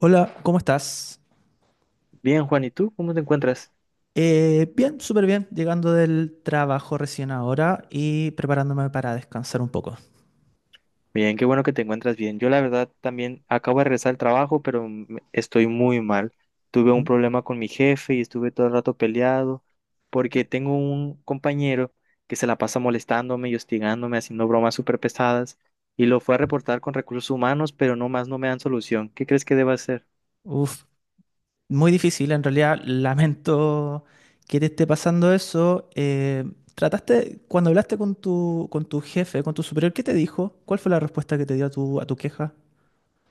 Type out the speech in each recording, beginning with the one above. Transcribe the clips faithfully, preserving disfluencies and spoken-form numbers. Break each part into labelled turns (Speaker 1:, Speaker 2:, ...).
Speaker 1: Hola, ¿cómo estás?
Speaker 2: Bien, Juan, ¿y tú cómo te encuentras?
Speaker 1: Eh, bien, súper bien, llegando del trabajo recién ahora y preparándome para descansar un poco.
Speaker 2: Bien, qué bueno que te encuentras bien. Yo la verdad también acabo de regresar al trabajo, pero m- estoy muy mal. Tuve un
Speaker 1: Mm.
Speaker 2: problema con mi jefe y estuve todo el rato peleado porque tengo un compañero que se la pasa molestándome y hostigándome, haciendo bromas súper pesadas y lo fue a reportar con recursos humanos, pero no más no me dan solución. ¿Qué crees que deba hacer?
Speaker 1: Uf, muy difícil, en realidad lamento que te esté pasando eso. Eh, ¿trataste, cuando hablaste con tu, con tu jefe, con tu superior, qué te dijo? ¿Cuál fue la respuesta que te dio a tu, a tu queja?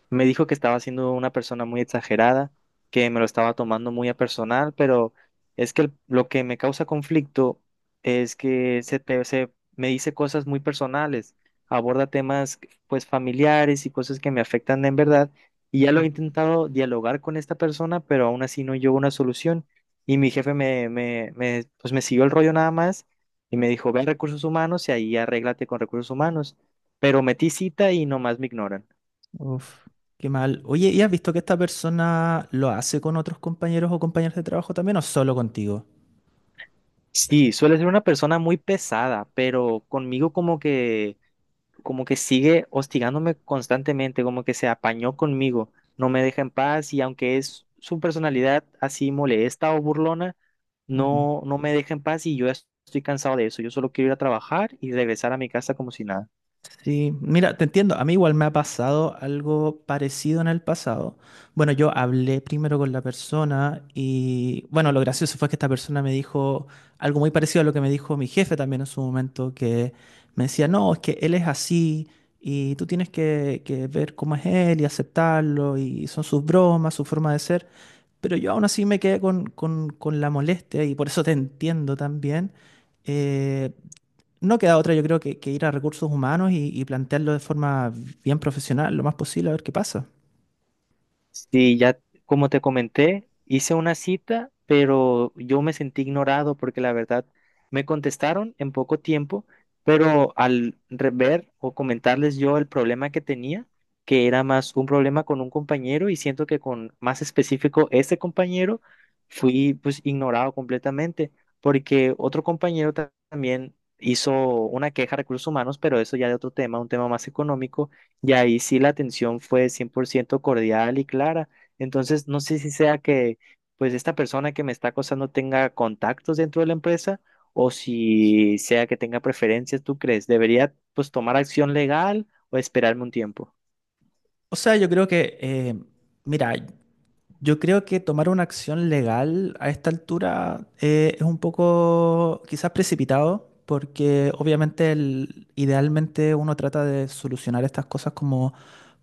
Speaker 2: Me dijo que estaba siendo una persona muy exagerada, que me lo estaba tomando muy a personal, pero es que el- lo que me causa conflicto es que se, te- se me dice cosas muy personales, aborda temas pues familiares y cosas que me afectan en verdad, y ya lo he
Speaker 1: Ujú.
Speaker 2: intentado dialogar con esta persona, pero aún así no llegó a una solución, y mi jefe me, me, me, pues me siguió el rollo nada más y me dijo, ve a recursos humanos y ahí arréglate con recursos humanos, pero metí cita y nomás me ignoran.
Speaker 1: Uf, qué mal. Oye, ¿y has visto que esta persona lo hace con otros compañeros o compañeras de trabajo también o solo contigo?
Speaker 2: Sí, suele ser una persona muy pesada, pero conmigo como que, como que sigue hostigándome constantemente, como que se apañó conmigo, no me deja en paz y aunque es su personalidad así molesta o burlona, no, no me deja en paz y yo ya estoy cansado de eso. Yo solo quiero ir a trabajar y regresar a mi casa como si nada.
Speaker 1: Sí, mira, te entiendo. A mí igual me ha pasado algo parecido en el pasado. Bueno, yo hablé primero con la persona y bueno, lo gracioso fue que esta persona me dijo algo muy parecido a lo que me dijo mi jefe también en su momento, que me decía, no, es que él es así y tú tienes que, que ver cómo es él y aceptarlo y son sus bromas, su forma de ser. Pero yo aún así me quedé con, con, con la molestia y por eso te entiendo también. eh, no queda otra, yo creo, que, que ir a recursos humanos y, y plantearlo de forma bien profesional, lo más posible, a ver qué pasa.
Speaker 2: Sí, ya como te comenté, hice una cita, pero yo me sentí ignorado porque la verdad me contestaron en poco tiempo, pero al re- ver o comentarles yo el problema que tenía, que era más un problema con un compañero y siento que con más específico este compañero, fui pues ignorado completamente porque otro compañero ta- también hizo una queja a recursos humanos, pero eso ya de otro tema, un tema más económico y ahí sí la atención fue cien por ciento cordial y clara. Entonces, no sé si sea que pues esta persona que me está acosando tenga contactos dentro de la empresa o si sea que tenga preferencias, ¿tú crees? ¿Debería pues tomar acción legal o esperarme un tiempo?
Speaker 1: O sea, yo creo que, eh, mira, yo creo que tomar una acción legal a esta altura eh, es un poco quizás precipitado, porque obviamente el- idealmente uno trata de solucionar estas cosas como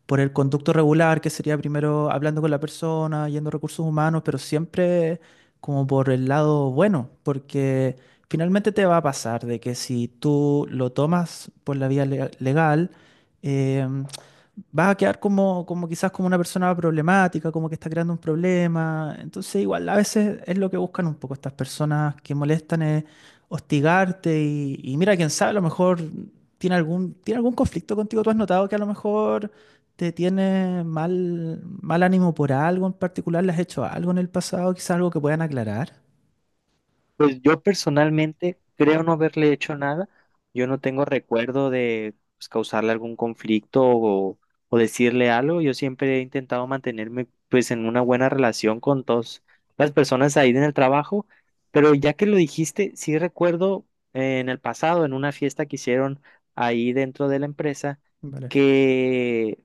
Speaker 1: por el conducto regular, que sería primero hablando con la persona, yendo a recursos humanos, pero siempre como por el lado bueno, porque finalmente te va a pasar de que si tú lo tomas por la vía le- legal, eh, vas a quedar como, como quizás como una persona problemática, como que está creando un problema. Entonces, igual a veces es lo que buscan un poco estas personas que molestan, es hostigarte y, y mira, quién sabe, a lo mejor ¿tiene algún, tiene algún conflicto contigo? ¿Tú has notado que a lo mejor te tiene mal, mal ánimo por algo en particular? ¿Le has hecho algo en el pasado? Quizás algo que puedan aclarar.
Speaker 2: Pues yo personalmente creo no haberle hecho nada. Yo no tengo recuerdo de pues, causarle algún conflicto o, o decirle algo. Yo siempre he intentado mantenerme pues en una buena relación con todas las personas ahí en el trabajo. Pero ya que lo dijiste, sí recuerdo eh, en el pasado, en una fiesta que hicieron ahí dentro de la empresa,
Speaker 1: Vale.
Speaker 2: que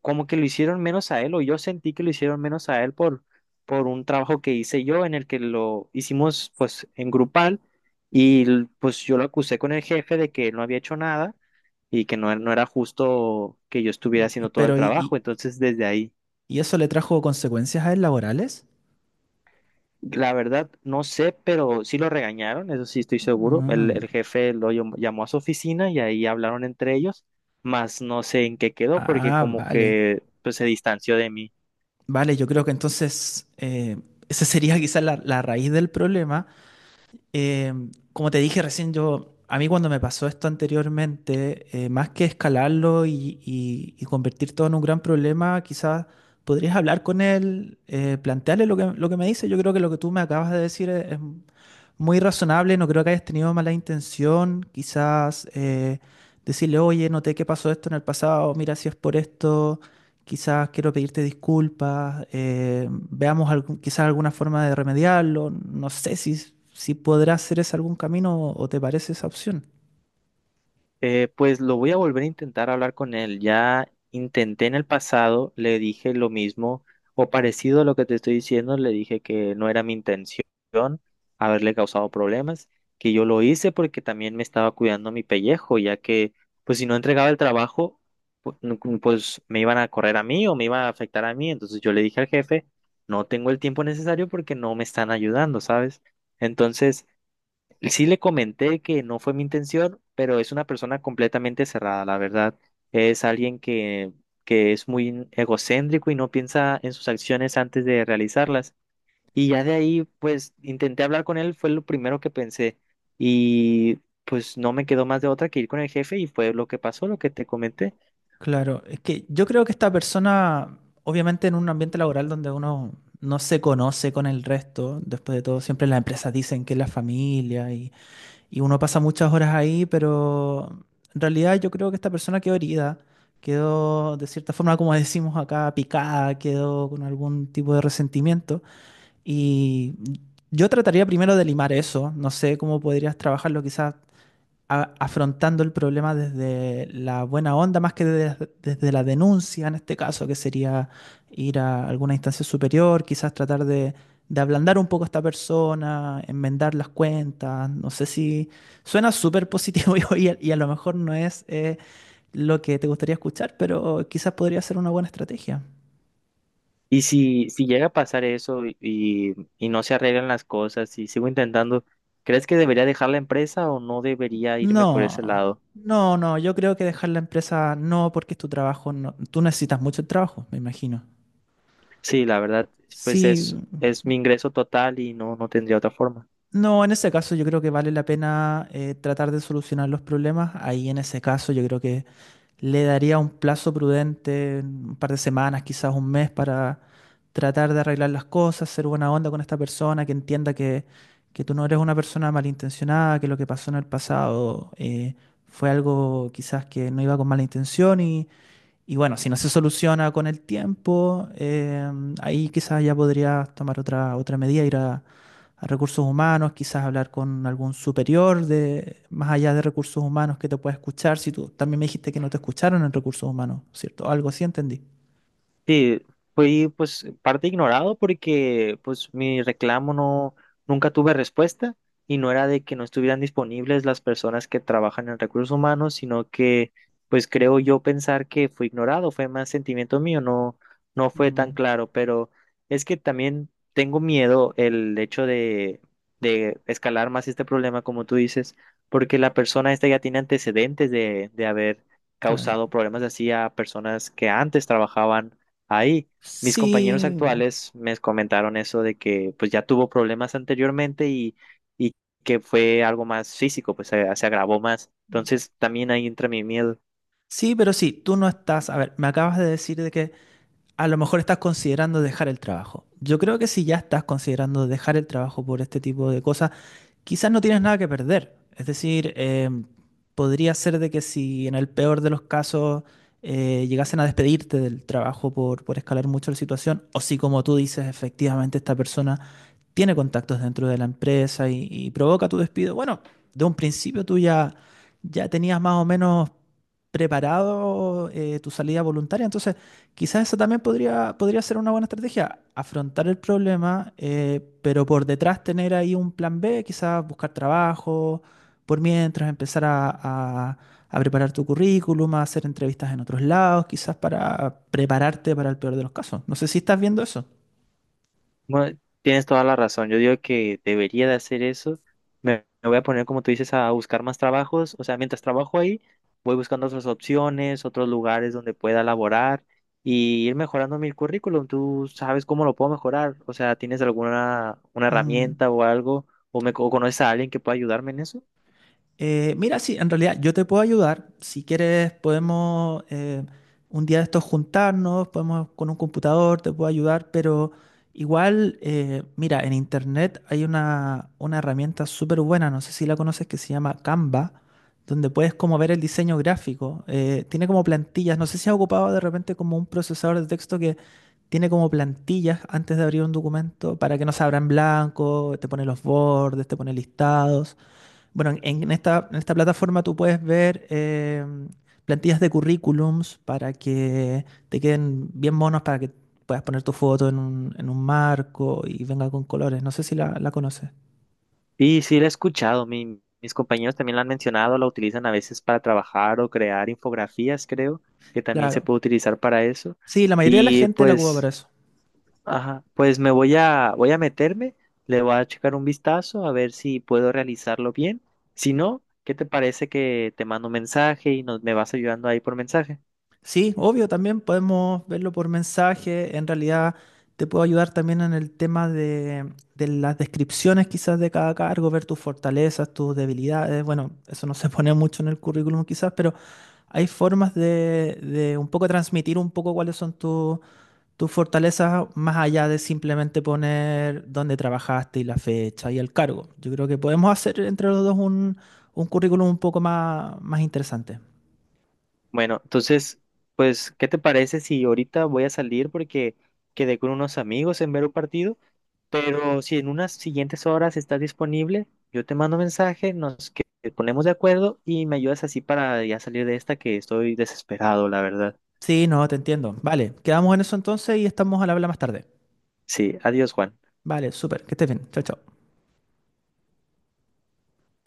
Speaker 2: como que lo hicieron menos a él o yo sentí que lo hicieron menos a él por por un trabajo que hice yo en el que lo hicimos pues en grupal y l- pues yo lo acusé con el jefe de que él no había hecho nada y que no, e- no era justo que yo estuviera
Speaker 1: Y- y-
Speaker 2: haciendo todo el
Speaker 1: pero, ¿y, y-
Speaker 2: trabajo. Entonces desde ahí,
Speaker 1: y eso le trajo consecuencias a él laborales?
Speaker 2: la verdad, no sé, pero sí lo regañaron, eso sí estoy seguro. El,
Speaker 1: Ah.
Speaker 2: el jefe lo llam- llamó a su oficina y ahí hablaron entre ellos, más no sé en qué quedó porque
Speaker 1: Ah,
Speaker 2: como
Speaker 1: vale.
Speaker 2: que pues, se distanció de mí.
Speaker 1: Vale, yo creo que entonces eh, esa sería quizás la, la raíz del problema. Eh, Como te dije recién, yo, a mí cuando me pasó esto anteriormente, eh, más que escalarlo y, y- y convertir todo en un gran problema, quizás podrías hablar con él, eh, plantearle lo que, lo que me dice. Yo creo que lo que tú me acabas de decir es, es muy razonable, no creo que hayas tenido mala intención. Quizás eh, decirle, oye, noté que pasó esto en el pasado, mira si es por esto quizás quiero pedirte disculpas, eh, veamos algún- quizás alguna forma de remediarlo, no sé si, si podrás hacer ese algún camino o o te parece esa opción.
Speaker 2: Eh, pues lo voy a volver a intentar hablar con él. Ya intenté en el pasado, le dije lo mismo o parecido a lo que te estoy diciendo, le dije que no era mi intención haberle causado problemas, que yo lo hice porque también me estaba cuidando mi pellejo, ya que pues si no entregaba el trabajo, pu- no- cu- pues me iban a correr a mí o me iba a afectar a mí. Entonces yo le dije al jefe, no tengo el tiempo necesario porque no me están ayudando, ¿sabes? Entonces... Sí le comenté que no fue mi intención, pero es una persona completamente cerrada, la verdad. Es alguien que, que es muy egocéntrico y no piensa en sus acciones antes de realizarlas. Y ya de ahí, pues, intenté hablar con él, fue lo primero que pensé. Y pues no me quedó más de otra que ir con el jefe y fue lo que pasó, lo que te comenté.
Speaker 1: Claro, es que yo creo que esta persona, obviamente en un ambiente laboral donde uno no se conoce con el resto, después de todo, siempre las empresas dicen que es la familia y, y uno pasa muchas horas ahí, pero en realidad yo creo que esta persona quedó herida, quedó de cierta forma, como decimos acá, picada, quedó con algún tipo de resentimiento. Y yo trataría primero de limar eso. No sé cómo podrías trabajarlo, quizás a- afrontando el problema desde la buena onda más que desde, desde la denuncia, en este caso, que sería ir a alguna instancia superior, quizás tratar de, de ablandar un poco a esta persona, enmendar las cuentas. No sé si suena súper positivo y, a- y a lo mejor no es eh, lo que te gustaría escuchar, pero quizás podría ser una buena estrategia.
Speaker 2: Y si, si llega a pasar eso y, y y no se arreglan las cosas y sigo intentando, ¿crees que debería dejar la empresa o no debería irme por ese
Speaker 1: No,
Speaker 2: lado?
Speaker 1: no, no, yo creo que dejar la empresa no, porque es tu trabajo, no, tú necesitas mucho el trabajo, me imagino.
Speaker 2: Sí, la verdad, pues
Speaker 1: Sí,
Speaker 2: es, es mi ingreso total y no, no tendría otra forma.
Speaker 1: no, en ese caso yo creo que vale la pena eh, tratar de solucionar los problemas. Ahí en ese caso yo creo que le daría un plazo prudente, un par de semanas, quizás un mes, para tratar de arreglar las cosas, ser buena onda con esta persona, que entienda que, que tú no eres una persona malintencionada, que lo que pasó en el pasado eh, fue algo quizás que no iba con mala intención. Y bueno, si no se soluciona con el tiempo, eh, ahí quizás ya podrías tomar otra, otra medida, ir a, a recursos humanos, quizás hablar con algún superior de, más allá de recursos humanos que te pueda escuchar. Si tú también me dijiste que no te escucharon en recursos humanos, ¿cierto? Algo así entendí.
Speaker 2: Sí, fui pues parte ignorado porque pues mi reclamo no, nunca tuve respuesta y no era de que no estuvieran disponibles las personas que trabajan en recursos humanos, sino que pues creo yo pensar que fui ignorado, fue más sentimiento mío, no, no fue tan
Speaker 1: Mm,
Speaker 2: claro, pero es que también tengo miedo el hecho de, de escalar más este problema, como tú dices, porque la persona esta ya tiene antecedentes de, de haber
Speaker 1: claro.
Speaker 2: causado problemas así a personas que antes trabajaban ahí. Mis compañeros
Speaker 1: Sí,
Speaker 2: actuales me comentaron eso de que pues ya tuvo problemas anteriormente y, y que fue algo más físico, pues se, se agravó más. Entonces también ahí entra mi miedo.
Speaker 1: sí, pero sí, tú no estás. A ver, me acabas de decir de que a lo mejor estás considerando dejar el trabajo. Yo creo que si ya estás considerando dejar el trabajo por este tipo de cosas, quizás no tienes nada que perder. Es decir, eh, podría ser de que si en el peor de los casos eh, llegasen a despedirte del trabajo por, por escalar mucho la situación, o si como tú dices, efectivamente esta persona tiene contactos dentro de la empresa y, y provoca tu despido, bueno, de un principio tú ya, ya tenías más o menos preparado eh, tu salida voluntaria, entonces... Quizás esa también podría, podría ser una buena estrategia, afrontar el problema, eh, pero por detrás tener ahí un plan B, quizás buscar trabajo, por mientras empezar a, a- a preparar tu currículum, a hacer entrevistas en otros lados, quizás para prepararte para el peor de los casos. No sé si estás viendo eso.
Speaker 2: Bueno, tienes toda la razón. Yo digo que debería de hacer eso. Me, me voy a poner, como tú dices, a buscar más trabajos. O sea, mientras trabajo ahí, voy buscando otras opciones, otros lugares donde pueda laborar y ir mejorando mi currículum. ¿Tú sabes cómo lo puedo mejorar? O sea, ¿tienes alguna una
Speaker 1: Mm.
Speaker 2: herramienta o algo? ¿O me o conoces a alguien que pueda ayudarme en eso?
Speaker 1: Eh, mira, sí, en realidad yo te puedo ayudar. Si quieres, podemos eh, un día de estos juntarnos, podemos con un computador, te puedo ayudar, pero igual, eh, mira, en internet hay una, una herramienta súper buena, no sé si la conoces, que se llama Canva, donde puedes como ver el diseño gráfico. Eh, tiene como plantillas, no sé si has ocupado de repente como un procesador de texto que tiene como plantillas antes de abrir un documento para que no se abra en blanco, te pone los bordes, te pone listados. Bueno, en en esta, en esta plataforma tú puedes ver eh, plantillas de currículums para que te queden bien monos, para que puedas poner tu foto en un, en un marco y venga con colores. No sé si la, la conoces.
Speaker 2: Y sí, la he escuchado. Mi- mis compañeros también la han mencionado. La utilizan a veces para trabajar o crear infografías, creo, que también se
Speaker 1: Claro.
Speaker 2: puede utilizar para eso.
Speaker 1: Sí, la mayoría de la
Speaker 2: Y
Speaker 1: gente la ocupa para
Speaker 2: pues.
Speaker 1: eso.
Speaker 2: Ajá, pues me voy a, voy a meterme, le voy a checar un vistazo a ver si puedo realizarlo bien. Si no, ¿qué te parece que te mando un mensaje y nos, me vas ayudando ahí por mensaje?
Speaker 1: Sí, obvio, también podemos verlo por mensaje. En realidad, te puedo ayudar también en el tema de, de las descripciones quizás de cada cargo, ver tus fortalezas, tus debilidades. Bueno, eso no se pone mucho en el currículum quizás, pero hay formas de, de un poco transmitir un poco cuáles son tu- tus fortalezas más allá de simplemente poner dónde trabajaste y la fecha y el cargo. Yo creo que podemos hacer entre los dos un, un currículum un poco más, más interesante.
Speaker 2: Bueno, entonces, pues, ¿qué te parece si ahorita voy a salir porque quedé con unos amigos en ver un partido? Pero si en unas siguientes horas estás disponible, yo te mando mensaje, nos que- ponemos de acuerdo y me ayudas así para ya salir de esta que estoy desesperado, la verdad.
Speaker 1: Sí, no, te entiendo. Vale, quedamos en eso entonces y estamos al habla más tarde.
Speaker 2: Sí, adiós, Juan.
Speaker 1: Vale, súper, que estés bien. Chao, chao.